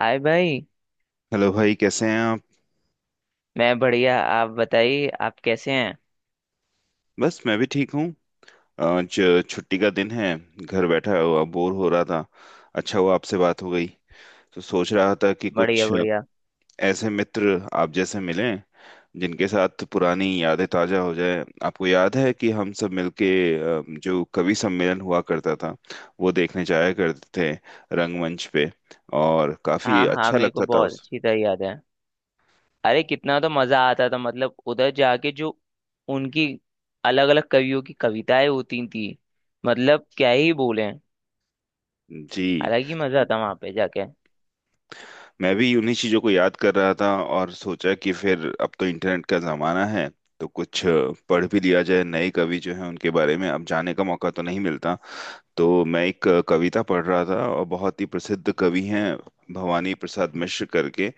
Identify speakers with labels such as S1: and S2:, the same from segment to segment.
S1: हाय भाई।
S2: हेलो भाई, कैसे हैं आप?
S1: मैं बढ़िया, आप बताइए, आप कैसे हैं?
S2: बस मैं भी ठीक हूँ। आज छुट्टी का दिन है। घर बैठा हुआ बोर हो रहा था। अच्छा हुआ आपसे बात हो गई। तो सोच रहा था कि
S1: बढ़िया
S2: कुछ
S1: बढ़िया।
S2: ऐसे मित्र आप जैसे मिले जिनके साथ पुरानी यादें ताजा हो जाए। आपको याद है कि हम सब मिलके जो कवि सम्मेलन हुआ करता था, वो देखने जाया करते थे रंगमंच पे। और काफी
S1: हाँ हाँ,
S2: अच्छा
S1: मेरे को
S2: लगता था
S1: बहुत
S2: उस।
S1: अच्छी तरह याद है। अरे कितना तो मजा आता था, मतलब उधर जाके जो उनकी अलग अलग कवियों की कविताएं होती थी। मतलब क्या ही बोले।
S2: जी।
S1: अलग ही मजा आता वहां पे जाके।
S2: मैं भी उन्हीं चीज़ों को याद कर रहा था, और सोचा कि फिर अब तो इंटरनेट का ज़माना है। तो कुछ पढ़ भी लिया जाए, नए कवि जो हैं उनके बारे में, अब जाने का मौका तो नहीं मिलता। तो मैं एक कविता पढ़ रहा था, और बहुत ही प्रसिद्ध कवि हैं, भवानी प्रसाद मिश्र करके।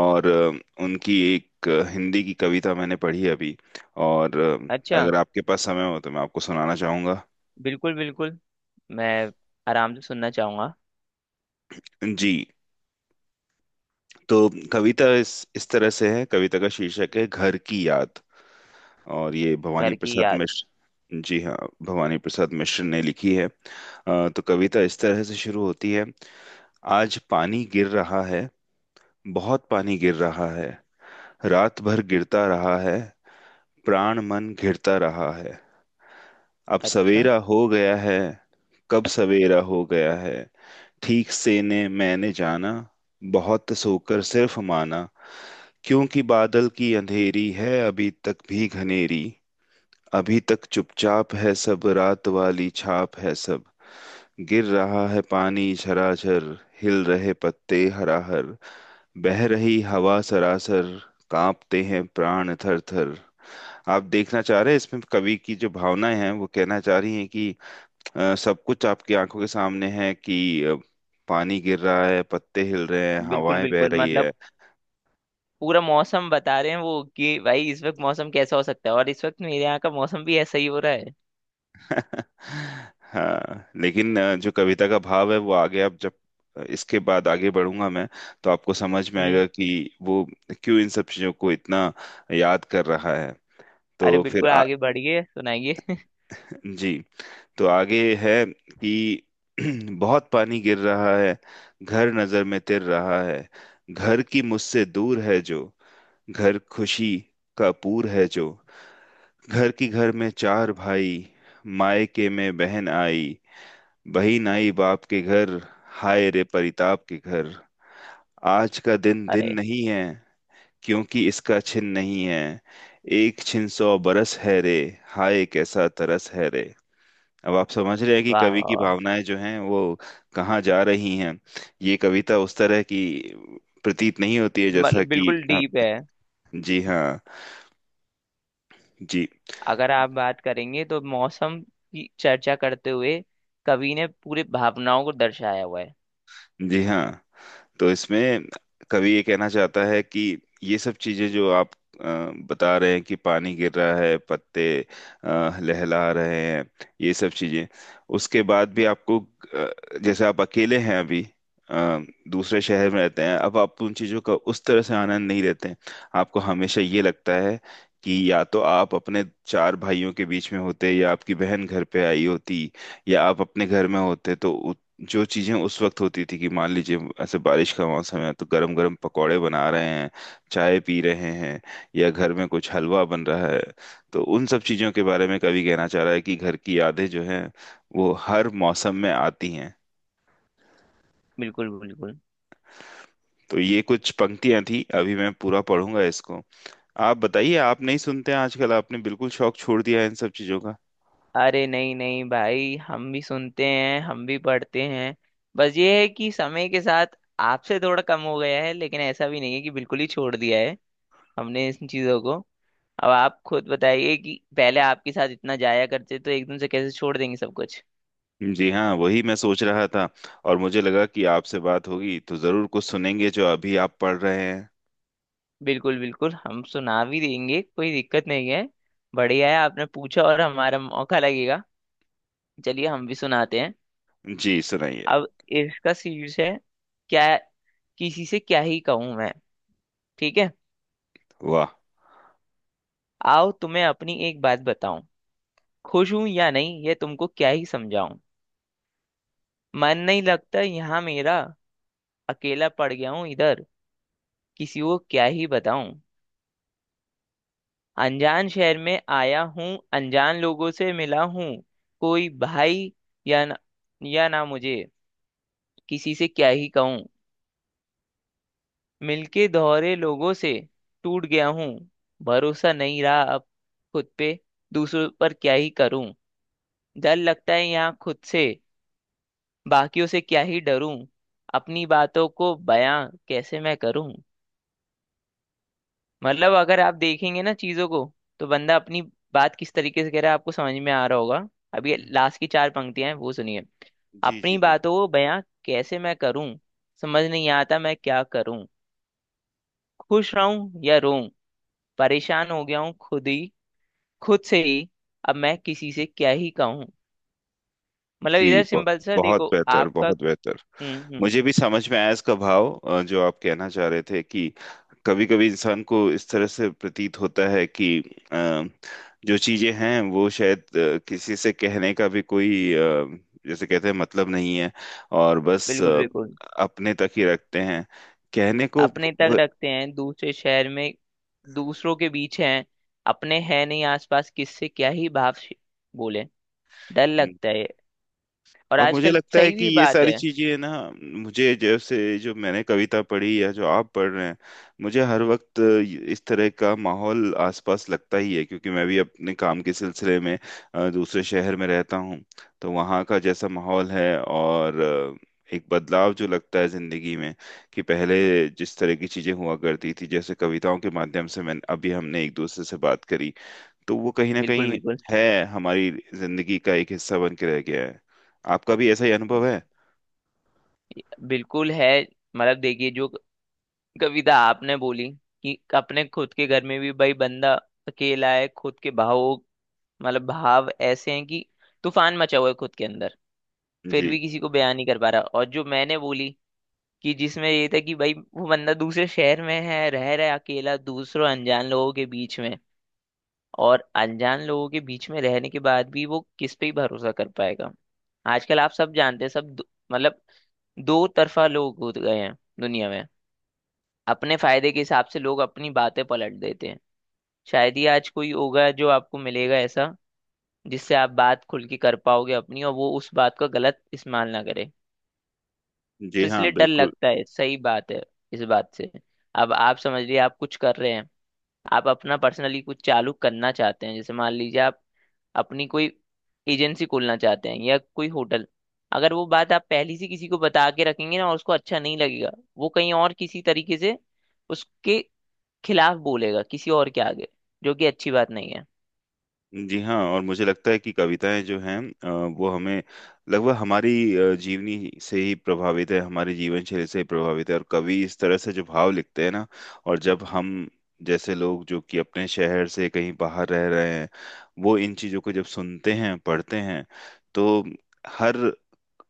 S2: और उनकी एक हिंदी की कविता मैंने पढ़ी अभी। और
S1: अच्छा।
S2: अगर आपके पास समय हो तो मैं आपको सुनाना चाहूँगा।
S1: बिल्कुल बिल्कुल। मैं आराम से सुनना चाहूंगा।
S2: जी। तो कविता इस तरह से है। कविता का शीर्षक है घर की याद। और ये भवानी
S1: घर की
S2: प्रसाद
S1: याद।
S2: मिश्र जी, हाँ। भवानी प्रसाद मिश्र ने लिखी है। तो कविता इस तरह से शुरू होती है। आज पानी गिर रहा है। बहुत पानी गिर रहा है। रात भर गिरता रहा है। प्राण मन घिरता रहा है। अब
S1: अच्छा।
S2: सवेरा हो गया है। कब सवेरा हो गया है, ठीक से ने मैंने जाना। बहुत सोकर सिर्फ माना। क्योंकि बादल की अंधेरी है, अभी तक भी घनेरी। अभी तक चुपचाप है सब, रात वाली छाप है सब। गिर रहा है पानी झराझर, हिल रहे पत्ते हराहर, बह रही हवा सरासर, कांपते हैं प्राण थर थर। आप देखना चाह रहे हैं, इसमें कवि की जो भावनाएं हैं वो कहना चाह रही हैं कि सब कुछ आपकी आंखों के सामने है, कि पानी गिर रहा है, पत्ते हिल रहे हैं,
S1: बिल्कुल
S2: हवाएं बह
S1: बिल्कुल।
S2: रही
S1: मतलब
S2: है।
S1: पूरा मौसम बता रहे हैं वो कि भाई इस वक्त मौसम कैसा हो सकता है, और इस वक्त मेरे यहाँ का मौसम भी ऐसा ही हो रहा है।
S2: हाँ, लेकिन जो कविता का भाव है वो आगे, आप जब इसके बाद आगे बढ़ूंगा मैं, तो आपको समझ में
S1: हम्म।
S2: आएगा कि वो क्यों इन सब चीजों को इतना याद कर रहा है।
S1: अरे
S2: तो फिर
S1: बिल्कुल आगे बढ़िए, सुनाइए।
S2: जी। तो आगे है कि बहुत पानी गिर रहा है। घर नजर में तिर रहा है। घर की मुझसे दूर है जो, घर खुशी का पूर है जो। घर की घर में चार भाई, मायके में बहन आई। बही नाई बाप के घर, हाय रे परिताप के घर। आज का दिन दिन
S1: अरे
S2: नहीं है, क्योंकि इसका छिन नहीं है। एक छिन सौ बरस है रे, हाय कैसा तरस है रे। अब आप समझ रहे हैं कि
S1: वाह
S2: कवि
S1: वाह
S2: की
S1: वाह।
S2: भावनाएं जो हैं, वो कहाँ जा रही हैं। ये कविता उस तरह की प्रतीत नहीं होती है जैसा
S1: मतलब
S2: कि,
S1: बिल्कुल
S2: हाँ।
S1: डीप है।
S2: जी हाँ। जी।
S1: अगर आप बात करेंगे तो मौसम की चर्चा करते हुए कवि ने पूरे भावनाओं को दर्शाया हुआ है।
S2: जी हाँ। तो इसमें कवि ये कहना चाहता है कि ये सब चीजें जो आप अ, बता रहे हैं कि पानी गिर रहा है, पत्ते लहला रहे हैं, ये सब चीजें, उसके बाद भी आपको जैसे आप अकेले हैं अभी, अ, दूसरे शहर में रहते हैं, अब आप उन चीजों का उस तरह से आनंद नहीं लेते हैं। आपको हमेशा ये लगता है कि या तो आप अपने चार भाइयों के बीच में होते, या आपकी बहन घर पे आई होती, या आप अपने घर में होते। तो जो चीजें उस वक्त होती थी, कि मान लीजिए ऐसे बारिश का मौसम है तो गरम गरम पकौड़े बना रहे हैं, चाय पी रहे हैं, या घर में कुछ हलवा बन रहा है। तो उन सब चीजों के बारे में कवि कहना चाह रहा है कि घर की यादें जो हैं, वो हर मौसम में आती हैं।
S1: बिल्कुल बिल्कुल।
S2: तो ये कुछ पंक्तियां थी, अभी मैं पूरा पढ़ूंगा इसको। आप बताइए, आप नहीं सुनते हैं आजकल? आपने बिल्कुल शौक छोड़ दिया है इन सब चीजों का?
S1: अरे नहीं नहीं भाई, हम भी सुनते हैं, हम भी पढ़ते हैं। बस ये है कि समय के साथ आपसे थोड़ा कम हो गया है, लेकिन ऐसा भी नहीं है कि बिल्कुल ही छोड़ दिया है हमने इन चीज़ों को। अब आप खुद बताइए कि पहले आपके साथ इतना जाया करते तो एकदम से कैसे छोड़ देंगे सब कुछ।
S2: जी हाँ, वही मैं सोच रहा था। और मुझे लगा कि आपसे बात होगी तो जरूर कुछ सुनेंगे जो अभी आप पढ़ रहे हैं।
S1: बिल्कुल बिल्कुल, हम सुना भी देंगे, कोई दिक्कत नहीं है। बढ़िया है, आपने पूछा और हमारा मौका लगेगा। चलिए हम भी सुनाते हैं।
S2: जी, सुनाइए।
S1: अब इसका शीर्ष है क्या? किसी से क्या ही कहूँ मैं? ठीक है।
S2: वाह।
S1: आओ तुम्हें अपनी एक बात बताऊं। खुश हूं या नहीं ये तुमको क्या ही समझाऊं। मन नहीं लगता यहाँ मेरा। अकेला पड़ गया हूँ इधर। किसी को क्या ही बताऊं। अनजान शहर में आया हूँ। अनजान लोगों से मिला हूँ। कोई भाई या न, या ना मुझे। किसी से क्या ही कहूं। मिलके दोहरे लोगों से टूट गया हूँ। भरोसा नहीं रहा अब खुद पे। दूसरों पर क्या ही करूं। डर लगता है यहाँ खुद से। बाकियों से क्या ही डरूं। अपनी बातों को बयां कैसे मैं करूं। मतलब अगर आप देखेंगे ना चीजों को, तो बंदा अपनी बात किस तरीके से कह रहा है आपको समझ में आ रहा होगा। अभी लास्ट की चार पंक्तियां हैं, वो सुनिए।
S2: जी
S1: अपनी
S2: जी, बिल्कुल।
S1: बातों को बयां कैसे मैं करूं। समझ नहीं आता मैं क्या करूं। खुश रहूं या रोऊं। परेशान हो गया हूँ खुद ही, खुद से ही। अब मैं किसी से क्या ही कहूँ।
S2: जी
S1: मतलब
S2: जी,
S1: इधर
S2: बहुत
S1: सिंपल सा
S2: बहुत
S1: देखो
S2: बेहतर,
S1: आपका।
S2: बहुत बेहतर।
S1: हम्म।
S2: मुझे भी समझ में आया इसका भाव, जो आप कहना चाह रहे थे कि कभी कभी इंसान को इस तरह से प्रतीत होता है कि अ, जो चीजें हैं वो शायद किसी से कहने का भी कोई, जैसे कहते हैं, मतलब नहीं है। और बस
S1: बिल्कुल बिल्कुल।
S2: अपने तक ही रखते हैं, कहने को
S1: अपने तक
S2: वो।
S1: रखते हैं दूसरे शहर में, दूसरों के बीच हैं, अपने हैं नहीं आसपास, किससे क्या ही भाव से बोले। डर लगता है, और
S2: और मुझे
S1: आजकल
S2: लगता है
S1: सही
S2: कि
S1: भी
S2: ये
S1: बात
S2: सारी
S1: है।
S2: चीजें ना, मुझे, जैसे जो मैंने कविता पढ़ी या जो आप पढ़ रहे हैं, मुझे हर वक्त इस तरह का माहौल आसपास लगता ही है, क्योंकि मैं भी अपने काम के सिलसिले में दूसरे शहर में रहता हूँ। तो वहाँ का जैसा माहौल है, और एक बदलाव जो लगता है जिंदगी में, कि पहले जिस तरह की चीजें हुआ करती थी, जैसे कविताओं के माध्यम से मैं अभी हमने एक दूसरे से बात करी, तो वो कहीं ना
S1: बिल्कुल
S2: कहीं
S1: बिल्कुल।
S2: है हमारी जिंदगी का एक हिस्सा बन के रह गया है। आपका भी ऐसा ही अनुभव है?
S1: बिल्कुल है। मतलब देखिए, जो कविता आपने बोली कि अपने खुद के घर में भी भाई बंदा अकेला है खुद के भावों, मतलब भाव ऐसे हैं कि तूफान मचा हुआ है खुद के अंदर, फिर
S2: जी।
S1: भी किसी को बयान नहीं कर पा रहा। और जो मैंने बोली, कि जिसमें ये था कि भाई वो बंदा दूसरे शहर में है, रह रहा है अकेला दूसरों अनजान लोगों के बीच में। और अनजान लोगों के बीच में रहने के बाद भी वो किस पे ही भरोसा कर पाएगा। आजकल आप सब जानते हैं, सब मतलब दो तरफा लोग हो गए हैं दुनिया में। अपने फायदे के हिसाब से लोग अपनी बातें पलट देते हैं। शायद ही आज कोई होगा जो आपको मिलेगा ऐसा, जिससे आप बात खुल के कर पाओगे अपनी और वो उस बात का गलत इस्तेमाल ना करे।
S2: जी
S1: तो
S2: हाँ,
S1: इसलिए डर
S2: बिल्कुल।
S1: लगता है, सही बात है इस बात से। अब आप समझ लीजिए, आप कुछ कर रहे हैं, आप अपना पर्सनली कुछ चालू करना चाहते हैं, जैसे मान लीजिए आप अपनी कोई एजेंसी खोलना चाहते हैं या कोई होटल। अगर वो बात आप पहले से किसी को बता के रखेंगे ना और उसको अच्छा नहीं लगेगा, वो कहीं और किसी तरीके से उसके खिलाफ बोलेगा किसी और के आगे, जो कि अच्छी बात नहीं है।
S2: जी हाँ, और मुझे लगता है कि कविताएं जो हैं वो हमें, लगभग हमारी जीवनी से ही प्रभावित है, हमारी जीवन शैली से ही प्रभावित है, और कवि इस तरह से जो भाव लिखते हैं ना। और जब हम जैसे लोग जो कि अपने शहर से कहीं बाहर रह रहे हैं, वो इन चीज़ों को जब सुनते हैं, पढ़ते हैं, तो हर,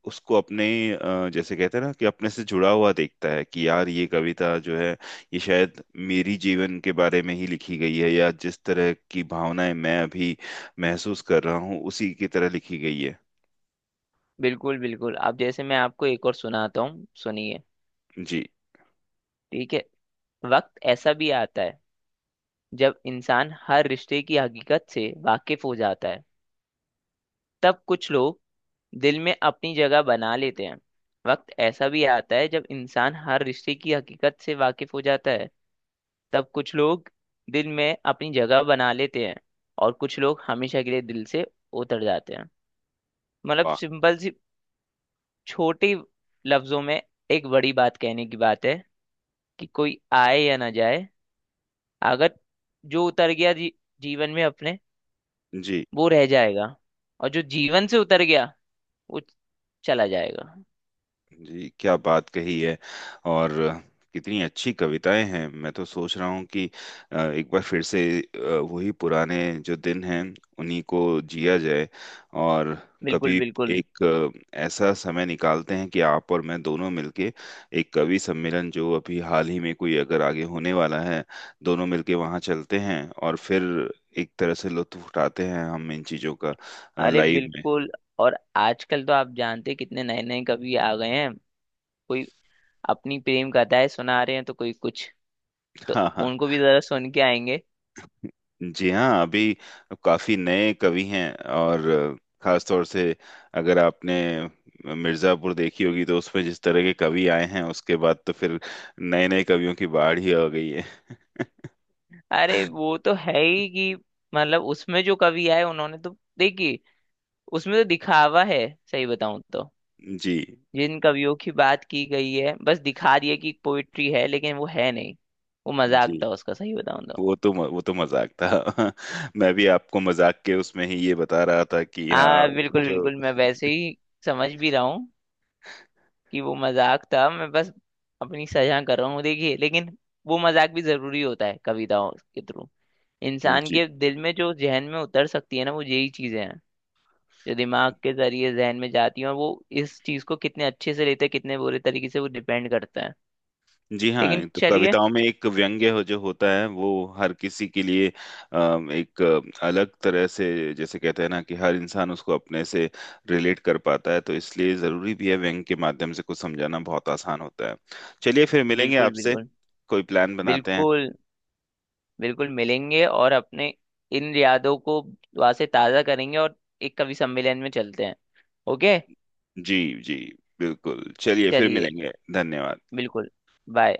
S2: उसको अपने, जैसे कहते हैं ना, कि अपने से जुड़ा हुआ देखता है कि यार ये कविता जो है, ये शायद मेरी जीवन के बारे में ही लिखी गई है, या जिस तरह की भावनाएं मैं अभी महसूस कर रहा हूँ, उसी की तरह लिखी गई है।
S1: बिल्कुल बिल्कुल। अब जैसे मैं आपको एक और सुनाता हूँ, सुनिए।
S2: जी।
S1: ठीक है। वक्त ऐसा भी आता है जब इंसान हर रिश्ते की हकीकत से वाकिफ हो जाता है। तब कुछ लोग दिल में अपनी जगह बना लेते हैं। वक्त ऐसा भी आता है जब इंसान हर रिश्ते की हकीकत से वाकिफ हो जाता है। तब कुछ लोग दिल में अपनी जगह बना लेते हैं। और कुछ लोग हमेशा के लिए दिल से उतर जाते हैं। मतलब
S2: वाह।
S1: सिंपल सी छोटी लफ्जों में एक बड़ी बात कहने की बात है। कि कोई आए या ना जाए। अगर जो उतर गया जीवन में अपने,
S2: जी
S1: वो रह जाएगा। और जो जीवन से उतर गया वो चला जाएगा।
S2: जी, क्या बात कही है! और कितनी अच्छी कविताएं हैं। मैं तो सोच रहा हूँ कि एक बार फिर से वही पुराने जो दिन हैं, उन्हीं को जिया जाए। और
S1: बिल्कुल
S2: कभी
S1: बिल्कुल।
S2: एक ऐसा समय निकालते हैं कि आप और मैं दोनों मिलके एक कवि सम्मेलन जो अभी हाल ही में कोई अगर आगे होने वाला है, दोनों मिलके वहाँ चलते हैं, और फिर एक तरह से लुत्फ उठाते हैं हम इन चीजों का,
S1: अरे
S2: लाइव में।
S1: बिल्कुल। और आजकल तो आप जानते हैं कितने नए नए कवि आ गए हैं। कोई अपनी प्रेम कथाएं सुना रहे हैं, तो कोई कुछ। तो उनको भी जरा सुन के आएंगे।
S2: जी हाँ, अभी काफी नए कवि हैं। और खास तौर से, अगर आपने मिर्जापुर देखी होगी तो उसमें जिस तरह के कवि आए हैं, उसके बाद तो फिर नए नए कवियों की बाढ़ ही आ गई है।
S1: अरे वो तो है ही कि मतलब उसमें जो कवि आए उन्होंने तो, देखिए, उसमें तो दिखावा है, सही बताऊं तो।
S2: जी
S1: जिन कवियों की बात की गई है, बस दिखा दिया कि पोइट्री है, लेकिन वो है नहीं। वो मजाक
S2: जी,
S1: था उसका, सही बताऊं तो।
S2: वो तो मजाक था। मैं भी आपको मजाक के उसमें ही ये बता रहा था, कि हाँ
S1: हाँ बिल्कुल
S2: जो।
S1: बिल्कुल, मैं वैसे ही समझ भी रहा हूँ कि वो मजाक था। मैं बस अपनी सजा कर रहा हूँ, देखिए। लेकिन वो मजाक भी जरूरी होता है। कविताओं के थ्रू इंसान
S2: जी
S1: के दिल में, जो जहन में उतर सकती है ना, वो यही चीजें हैं जो दिमाग के जरिए जहन में जाती हैं। और वो इस चीज को कितने अच्छे से लेते हैं कितने बुरे तरीके से, वो डिपेंड करता है।
S2: जी
S1: लेकिन
S2: हाँ, तो
S1: चलिए।
S2: कविताओं में एक व्यंग्य हो जो होता है वो हर किसी के लिए एक अलग तरह से, जैसे कहते हैं ना, कि हर इंसान उसको अपने से रिलेट कर पाता है, तो इसलिए जरूरी भी है, व्यंग के माध्यम से कुछ समझाना बहुत आसान होता है। चलिए, फिर मिलेंगे
S1: बिल्कुल
S2: आपसे।
S1: बिल्कुल।
S2: कोई प्लान बनाते हैं।
S1: बिल्कुल। बिल्कुल मिलेंगे, और अपने इन यादों को वहां से ताजा करेंगे, और एक कवि सम्मेलन में चलते हैं। ओके।
S2: जी जी, बिल्कुल। चलिए फिर
S1: चलिए
S2: मिलेंगे। धन्यवाद।
S1: बिल्कुल। बाय।